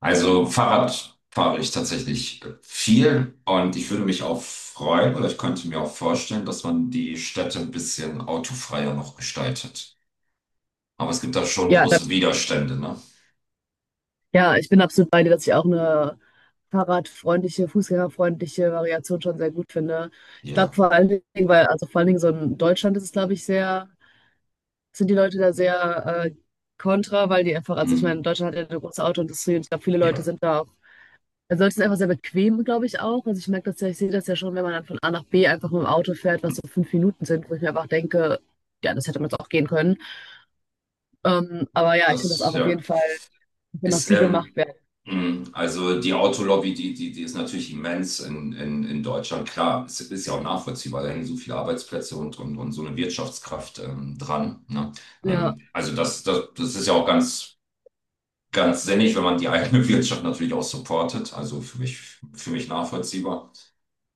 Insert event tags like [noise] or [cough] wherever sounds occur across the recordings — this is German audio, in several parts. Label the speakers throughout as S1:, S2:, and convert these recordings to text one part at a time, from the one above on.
S1: Also Fahrrad fahre ich tatsächlich viel und ich würde mich auch freuen oder ich könnte mir auch vorstellen, dass man die Städte ein bisschen autofreier noch gestaltet. Aber es gibt da schon
S2: Ja,
S1: große
S2: das,
S1: Widerstände, ne?
S2: ja, ich bin absolut bei dir, dass ich auch eine fahrradfreundliche, fußgängerfreundliche Variation schon sehr gut finde. Ich glaube
S1: Ja.
S2: vor allen Dingen, weil, also vor allen Dingen so in Deutschland ist es, glaube ich, sehr, sind die Leute da sehr kontra, weil die einfach, also ich meine,
S1: Mm.
S2: Deutschland hat ja eine große Autoindustrie und ich glaube, viele Leute
S1: Ja,
S2: sind da auch, also Leute sind einfach sehr bequem, glaube ich, auch. Also ich merke das ja, ich sehe das ja schon, wenn man dann von A nach B einfach mit dem Auto fährt, was so 5 Minuten sind, wo ich mir einfach denke, ja, das hätte man jetzt auch gehen können. Aber ja, ich finde das
S1: das,
S2: auch auf jeden
S1: ja.
S2: Fall, wo noch
S1: Ist,
S2: viel gemacht werden.
S1: mm, also die Autolobby, die ist natürlich immens in Deutschland. Klar, es ist ja auch nachvollziehbar, da hängen so viele Arbeitsplätze und so eine Wirtschaftskraft dran, ne?
S2: Ja,
S1: Also das ist ja auch ganz ganz sinnig, wenn man die eigene [laughs] Wirtschaft natürlich auch supportet. Also für mich nachvollziehbar.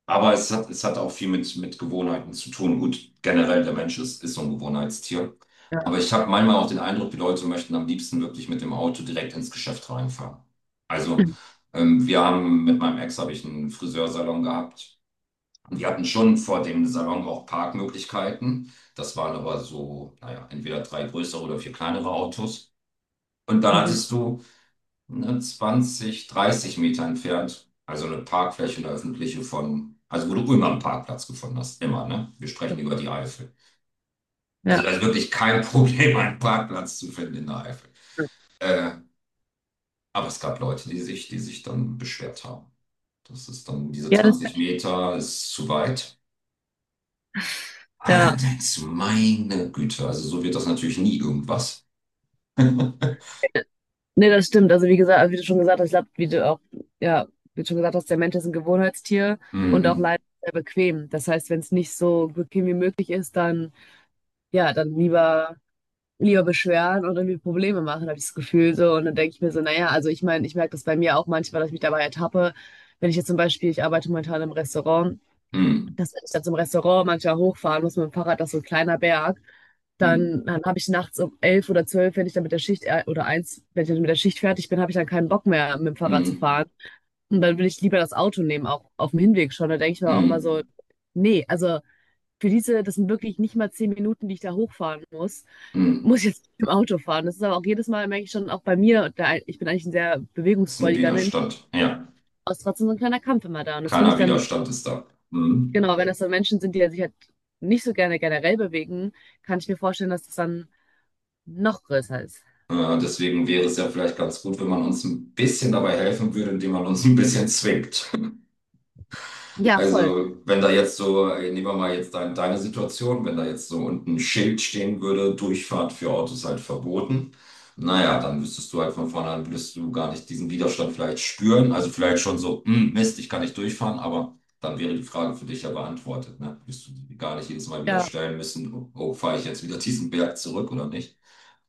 S1: Aber es hat auch viel mit Gewohnheiten zu tun. Gut, generell der Mensch ist so ein Gewohnheitstier.
S2: ja.
S1: Aber ich habe manchmal auch den Eindruck, die Leute möchten am liebsten wirklich mit dem Auto direkt ins Geschäft reinfahren. Also wir haben mit meinem Ex habe ich einen Friseursalon gehabt. Und wir hatten schon vor dem Salon auch Parkmöglichkeiten. Das waren aber so, naja, entweder drei größere oder vier kleinere Autos. Und dann
S2: Mhm.
S1: hattest du ne, 20, 30 Meter entfernt. Also eine Parkfläche, eine öffentliche von, also wo du immer einen Parkplatz gefunden hast. Immer, ne? Wir sprechen über die Eifel. Also
S2: Ja.
S1: da ist wirklich kein [laughs] Problem, einen Parkplatz zu finden in der Eifel.
S2: Ja.
S1: Äh, aber es gab Leute, die sich dann beschwert haben. Das ist dann, diese
S2: Ja, das kann
S1: 20
S2: ich.
S1: Meter ist zu weit. Ah,
S2: Ja.
S1: dann denkst du, meine Güte, also so wird das natürlich nie irgendwas. [laughs]
S2: Nee, das stimmt. Also wie gesagt, also wie du schon gesagt hast, ich glaube, wie du auch, ja, wie du schon gesagt hast, der Mensch ist ein Gewohnheitstier und auch
S1: Mm,
S2: leider sehr bequem. Das heißt, wenn es nicht so bequem wie möglich ist, dann, ja, dann lieber beschweren und irgendwie Probleme machen, habe ich das Gefühl so. Und dann denke ich mir so, naja, also ich meine, ich merke das bei mir auch manchmal, dass ich mich dabei ertappe. Wenn ich jetzt zum Beispiel, ich arbeite momentan im Restaurant,
S1: mm,
S2: das ist dann zum Restaurant, manchmal hochfahren muss mit dem Fahrrad, das ist so ein kleiner Berg.
S1: mm,
S2: Dann habe ich nachts um 11 oder 12, wenn ich dann mit der Schicht oder eins, wenn ich dann mit der Schicht fertig bin, habe ich dann keinen Bock mehr, mit dem Fahrrad zu
S1: mm,
S2: fahren. Und dann will ich lieber das Auto nehmen, auch auf dem Hinweg schon. Da denke ich mir auch immer so,
S1: mm,
S2: nee, also für diese, das sind wirklich nicht mal 10 Minuten, die ich da hochfahren muss, muss
S1: mm.
S2: ich jetzt mit dem Auto fahren. Das ist aber auch jedes Mal, merke ich schon, auch bei mir, da, ich bin eigentlich ein sehr
S1: Ist ein
S2: bewegungsfreudiger Mensch,
S1: Widerstand. Ja.
S2: aber es ist trotzdem so ein kleiner Kampf immer da. Und das finde ich
S1: Keiner
S2: dann
S1: Widerstand ist da. Mhm.
S2: genau, wenn das dann Menschen sind, die ja sich halt nicht so gerne generell bewegen, kann ich mir vorstellen, dass das dann noch größer ist.
S1: Deswegen wäre es ja vielleicht ganz gut, wenn man uns ein bisschen dabei helfen würde, indem man uns ein bisschen zwingt.
S2: Ja, voll.
S1: Also, wenn da jetzt so, nehmen wir mal jetzt dein, deine Situation, wenn da jetzt so unten ein Schild stehen würde, Durchfahrt für Autos halt verboten, naja, dann wüsstest du halt von vornherein, würdest du gar nicht diesen Widerstand vielleicht spüren. Also vielleicht schon so, "Hm, Mist, ich kann nicht durchfahren, aber dann wäre die Frage für dich ja beantwortet, ne? Wirst du die gar nicht jedes Mal wieder
S2: Ja.
S1: stellen müssen, oh, oh, fahre ich jetzt wieder diesen Berg zurück oder nicht?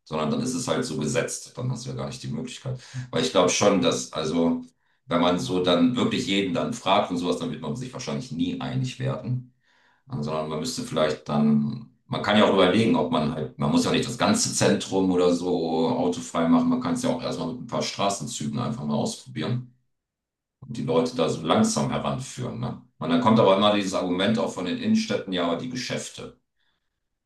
S1: Sondern dann ist es halt so gesetzt, dann hast du ja gar nicht die Möglichkeit. Weil ich glaube schon, dass, also. Wenn man so dann wirklich jeden dann fragt und sowas, dann wird man sich wahrscheinlich nie einig werden. Ja, sondern man müsste vielleicht dann, man kann ja auch überlegen, ob man halt, man muss ja nicht das ganze Zentrum oder so autofrei machen. Man kann es ja auch erstmal mit ein paar Straßenzügen einfach mal ausprobieren und die Leute da so langsam heranführen. Ne? Und dann kommt aber immer dieses Argument auch von den Innenstädten, ja, aber die Geschäfte.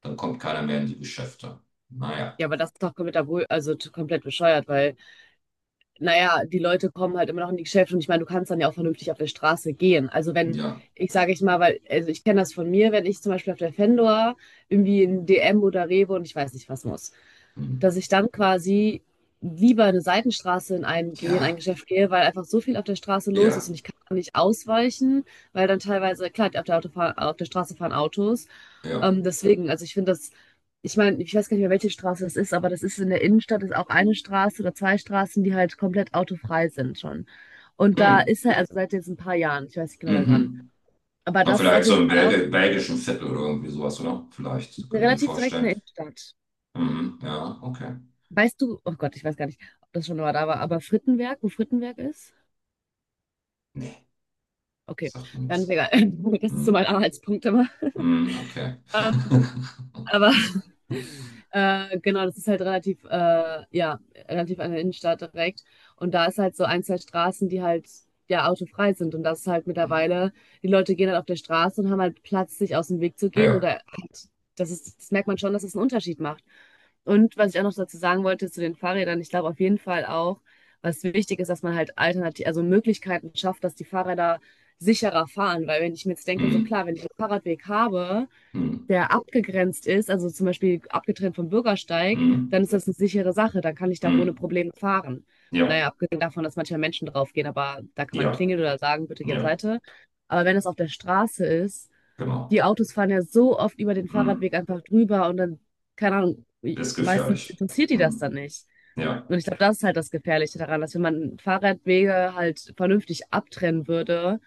S1: Dann kommt keiner mehr in die Geschäfte. Naja,
S2: Ja, aber das ist doch komplett, komplett bescheuert, weil, naja, die Leute kommen halt immer noch in die Geschäfte und ich meine, du kannst dann ja auch vernünftig auf der Straße gehen. Also wenn,
S1: ja,
S2: ich sage ich mal, weil, also ich kenne das von mir, wenn ich zum Beispiel auf der Fendor irgendwie in DM oder Rewe und ich weiß nicht was muss, dass
S1: hm.
S2: ich dann quasi lieber eine Seitenstraße in einen gehe, in ein
S1: Ja,
S2: Geschäft gehe, weil einfach so viel auf der Straße los
S1: ja,
S2: ist und ich kann nicht ausweichen, weil dann teilweise, klar, auf der, Autofahr auf der Straße fahren Autos.
S1: ja.
S2: Deswegen, also ich finde das, ich meine, ich weiß gar nicht mehr, welche Straße das ist, aber das ist in der Innenstadt, ist auch eine Straße oder zwei Straßen, die halt komplett autofrei sind schon. Und da
S1: Hm.
S2: ist er, also seit jetzt ein paar Jahren, ich weiß nicht genau seit wann.
S1: Mhm.
S2: Aber
S1: Na,
S2: das ist auf
S1: vielleicht so
S2: jeden
S1: im
S2: Fall auch
S1: Belgischen Viertel oder irgendwie sowas, oder? Vielleicht, so könnte ich mir
S2: relativ direkt in
S1: vorstellen.
S2: der Innenstadt.
S1: Mhm, ja, okay.
S2: Weißt du, oh Gott, ich weiß gar nicht, ob das schon mal da war, aber Frittenwerk, wo Frittenwerk ist?
S1: Nee,
S2: Okay,
S1: sagt mir
S2: dann ist
S1: nichts.
S2: egal. [laughs] Das ist so
S1: Mhm,
S2: mein Anhaltspunkt immer.
S1: mhm, okay.
S2: [laughs]
S1: [laughs]
S2: Aber [laughs] genau, das ist halt relativ, ja, relativ an der Innenstadt direkt. Und da ist halt so ein, zwei Straßen, die halt ja autofrei sind. Und das ist halt mittlerweile, die Leute gehen halt auf der Straße und haben halt Platz, sich aus dem Weg zu gehen.
S1: Ja.
S2: Oder halt, das ist, das merkt man schon, dass es einen Unterschied macht. Und was ich auch noch dazu sagen wollte zu den Fahrrädern, ich glaube auf jeden Fall auch, was wichtig ist, dass man halt alternativ, also Möglichkeiten schafft, dass die Fahrräder sicherer fahren. Weil wenn ich mir jetzt denke, so
S1: Mhm,
S2: klar, wenn ich einen Fahrradweg habe,
S1: mhm,
S2: der abgegrenzt ist, also zum Beispiel abgetrennt vom Bürgersteig, dann
S1: mhm,
S2: ist das eine sichere Sache. Dann kann ich da ohne
S1: mhm.
S2: Probleme fahren.
S1: Ja,
S2: Naja, abgesehen davon, dass manchmal Menschen draufgehen, aber da kann man
S1: ja,
S2: klingeln oder sagen, bitte geh auf
S1: ja,
S2: Seite. Aber wenn das auf der Straße ist, die
S1: genau.
S2: Autos fahren ja so oft über den
S1: Mhm.
S2: Fahrradweg einfach drüber und dann, keine Ahnung,
S1: Ist
S2: meistens
S1: gefährlich.
S2: interessiert die das dann
S1: Mhm.
S2: nicht.
S1: Ja,
S2: Und ich glaube, das ist halt das Gefährliche daran, dass wenn man Fahrradwege halt vernünftig abtrennen würde,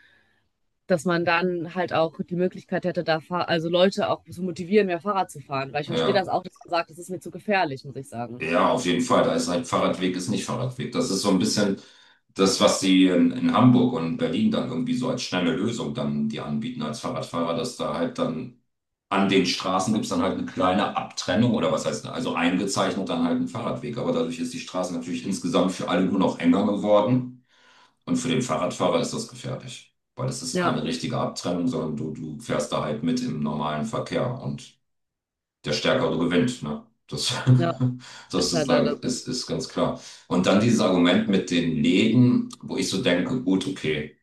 S2: dass man dann halt auch die Möglichkeit hätte, da Fahr also Leute auch zu motivieren, mehr Fahrrad zu fahren. Weil ich verstehe das
S1: ja.
S2: auch, dass man sagt, das ist mir zu gefährlich, muss ich sagen.
S1: Ja, auf jeden Fall. Da ist halt Fahrradweg ist nicht Fahrradweg. Das ist so ein bisschen das, was sie in Hamburg und Berlin dann irgendwie so als schnelle Lösung dann die anbieten als Fahrradfahrer, dass da halt dann an den Straßen gibt's dann halt eine kleine Abtrennung oder was heißt, also eingezeichnet dann halt ein Fahrradweg. Aber dadurch ist die Straße natürlich insgesamt für alle nur noch enger geworden. Und für den Fahrradfahrer ist das gefährlich, weil es ist
S2: Ja,
S1: keine richtige Abtrennung, sondern du fährst da halt mit im normalen Verkehr und der Stärkere gewinnt. Ne? Das,
S2: ja,
S1: [laughs] das
S2: ist halt
S1: ist, da-
S2: leider so.
S1: ist, ist ganz klar. Und dann dieses Argument mit den Läden, wo ich so denke, gut, okay,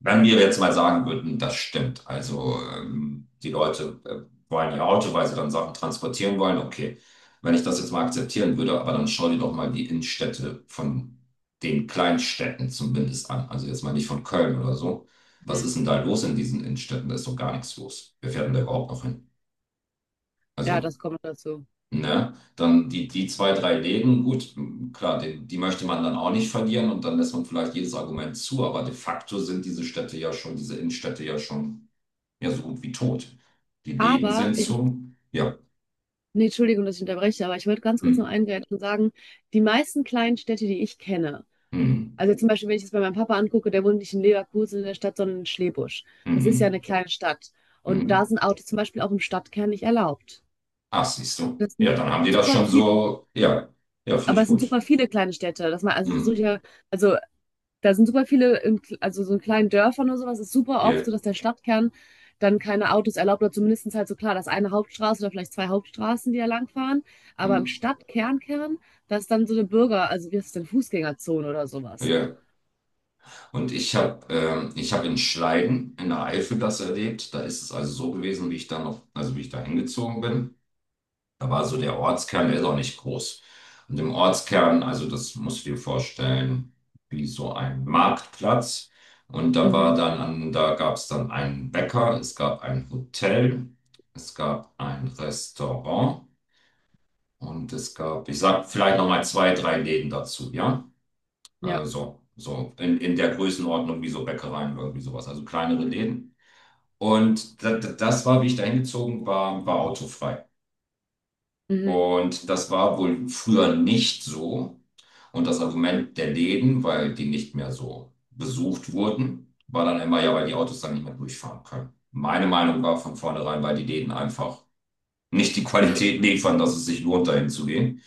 S1: wenn wir jetzt mal sagen würden, das stimmt, also die Leute wollen ihr Auto, weil sie dann Sachen transportieren wollen, okay, wenn ich das jetzt mal akzeptieren würde, aber dann schau dir doch mal die Innenstädte von den Kleinstädten zumindest an, also jetzt mal nicht von Köln oder so. Was
S2: Mhm.
S1: ist denn da los in diesen Innenstädten? Da ist doch gar nichts los. Wer fährt denn da überhaupt noch hin?
S2: Ja,
S1: Also.
S2: das kommt dazu.
S1: Ne? Dann die zwei, drei Läden, gut, m, klar, die möchte man dann auch nicht verlieren und dann lässt man vielleicht jedes Argument zu, aber de facto sind diese Städte ja schon, diese Innenstädte ja schon ja so gut wie tot. Die Läden
S2: Aber
S1: sind
S2: ich,
S1: zu, ja.
S2: nee, Entschuldigung, dass ich unterbreche, aber ich wollte ganz kurz noch
S1: Hm,
S2: eingreifen und sagen, die meisten kleinen Städte, die ich kenne,
S1: hm,
S2: also zum Beispiel, wenn ich das bei meinem Papa angucke, der wohnt nicht in Leverkusen in der Stadt, sondern in Schlebusch. Das ist ja eine
S1: hm,
S2: kleine Stadt. Und da
S1: hm.
S2: sind Autos zum Beispiel auch im Stadtkern nicht erlaubt.
S1: Ach, siehst du.
S2: Das sind
S1: Ja, dann haben die das
S2: super
S1: schon
S2: viele.
S1: so, ja, ja, finde
S2: Aber
S1: ich
S2: es sind
S1: gut.
S2: super viele kleine Städte, dass man, also es so
S1: Hm,
S2: ja, also da sind super viele, in, also so in kleinen Dörfern oder sowas, ist super oft
S1: ja,
S2: so, dass der Stadtkern dann keine Autos erlaubt oder zumindest halt so klar, dass eine Hauptstraße oder vielleicht zwei Hauptstraßen, die da langfahren. Aber
S1: hm,
S2: im Stadtkernkern, da ist dann so eine Bürger, also wie ist es denn, Fußgängerzone oder sowas.
S1: ja. Und ich habe ich hab in Schleiden in der Eifel das erlebt. Da ist es also so gewesen, wie ich da noch, also wie ich da hingezogen bin. Da war so der Ortskern, der ist auch nicht groß. Und im Ortskern, also das musst du dir vorstellen, wie so ein Marktplatz. Und da
S2: Mhm.
S1: war dann, da gab es dann einen Bäcker, es gab ein Hotel, es gab ein Restaurant und es gab, ich sag vielleicht nochmal zwei, drei Läden dazu, ja?
S2: Ja,
S1: So, so in der Größenordnung wie so Bäckereien, irgendwie sowas, also kleinere Läden. Und das war, wie ich da hingezogen war, war autofrei.
S2: mhm.
S1: Und das war wohl früher nicht so. Und das Argument der Läden, weil die nicht mehr so besucht wurden, war dann immer, ja, weil die Autos dann nicht mehr durchfahren können. Meine Meinung war von vornherein, weil die Läden einfach nicht die Qualität liefern, dass es sich lohnt, dahin zu gehen.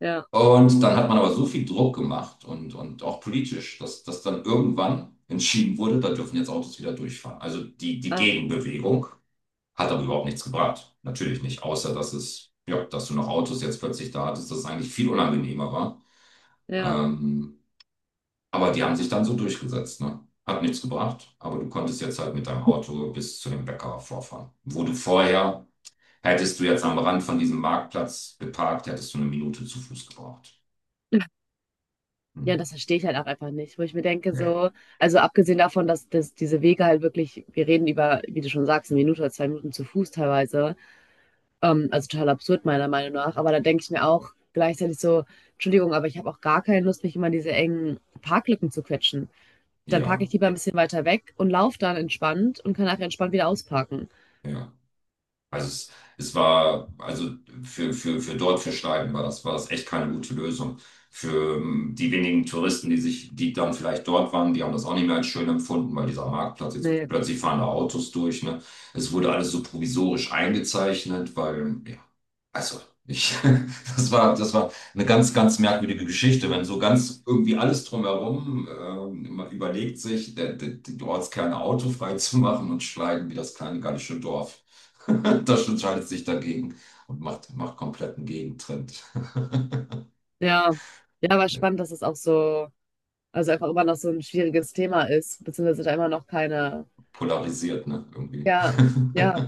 S2: Ja,
S1: Und dann hat man aber so viel Druck gemacht und auch politisch, dass dann irgendwann entschieden wurde, da dürfen jetzt Autos wieder durchfahren. Also die
S2: ach,
S1: Gegenbewegung. Hat aber überhaupt nichts gebracht. Natürlich nicht, außer dass es, ja, dass du noch Autos jetzt plötzlich da hattest, das eigentlich viel unangenehmer war.
S2: ja.
S1: Ähm, aber die haben sich dann so durchgesetzt, ne? Hat nichts gebracht, aber du konntest jetzt halt mit deinem Auto bis zu dem Bäcker vorfahren. Wo du vorher, hättest du jetzt am Rand von diesem Marktplatz geparkt, hättest du eine Minute zu Fuß gebraucht. Hm.
S2: Ja, das verstehe ich halt auch einfach nicht, wo ich mir denke,
S1: Nee.
S2: so, also abgesehen davon, dass, dass diese Wege halt wirklich, wir reden über, wie du schon sagst, 1 Minute oder 2 Minuten zu Fuß teilweise, also total absurd, meiner Meinung nach. Aber da denke ich mir auch gleichzeitig so, Entschuldigung, aber ich habe auch gar keine Lust, mich immer in diese engen Parklücken zu quetschen. Dann parke
S1: Ja,
S2: ich lieber ein bisschen weiter weg und laufe dann entspannt und kann nachher entspannt wieder ausparken.
S1: ja. Also es war, also für dort, für Schneiden war das echt keine gute Lösung. Für die wenigen Touristen, die dann vielleicht dort waren, die haben das auch nicht mehr als schön empfunden, weil dieser Marktplatz jetzt
S2: Nee.
S1: plötzlich fahren da Autos durch, ne? Es wurde alles so provisorisch eingezeichnet, weil ja, also, ich, [laughs] das war eine ganz, ganz merkwürdige Geschichte, wenn so ganz irgendwie alles drumherum, man überlegt sich, die Ortskerne autofrei zu machen und schneiden wie das kleine gallische Dorf. [laughs] Das entscheidet sich dagegen und macht kompletten Gegentrend.
S2: Ja. Ja, aber spannend,
S1: [laughs]
S2: dass es auch so, also einfach immer noch so ein schwieriges Thema ist, beziehungsweise da immer noch keine,
S1: Polarisiert, ne, irgendwie.
S2: ja, ja.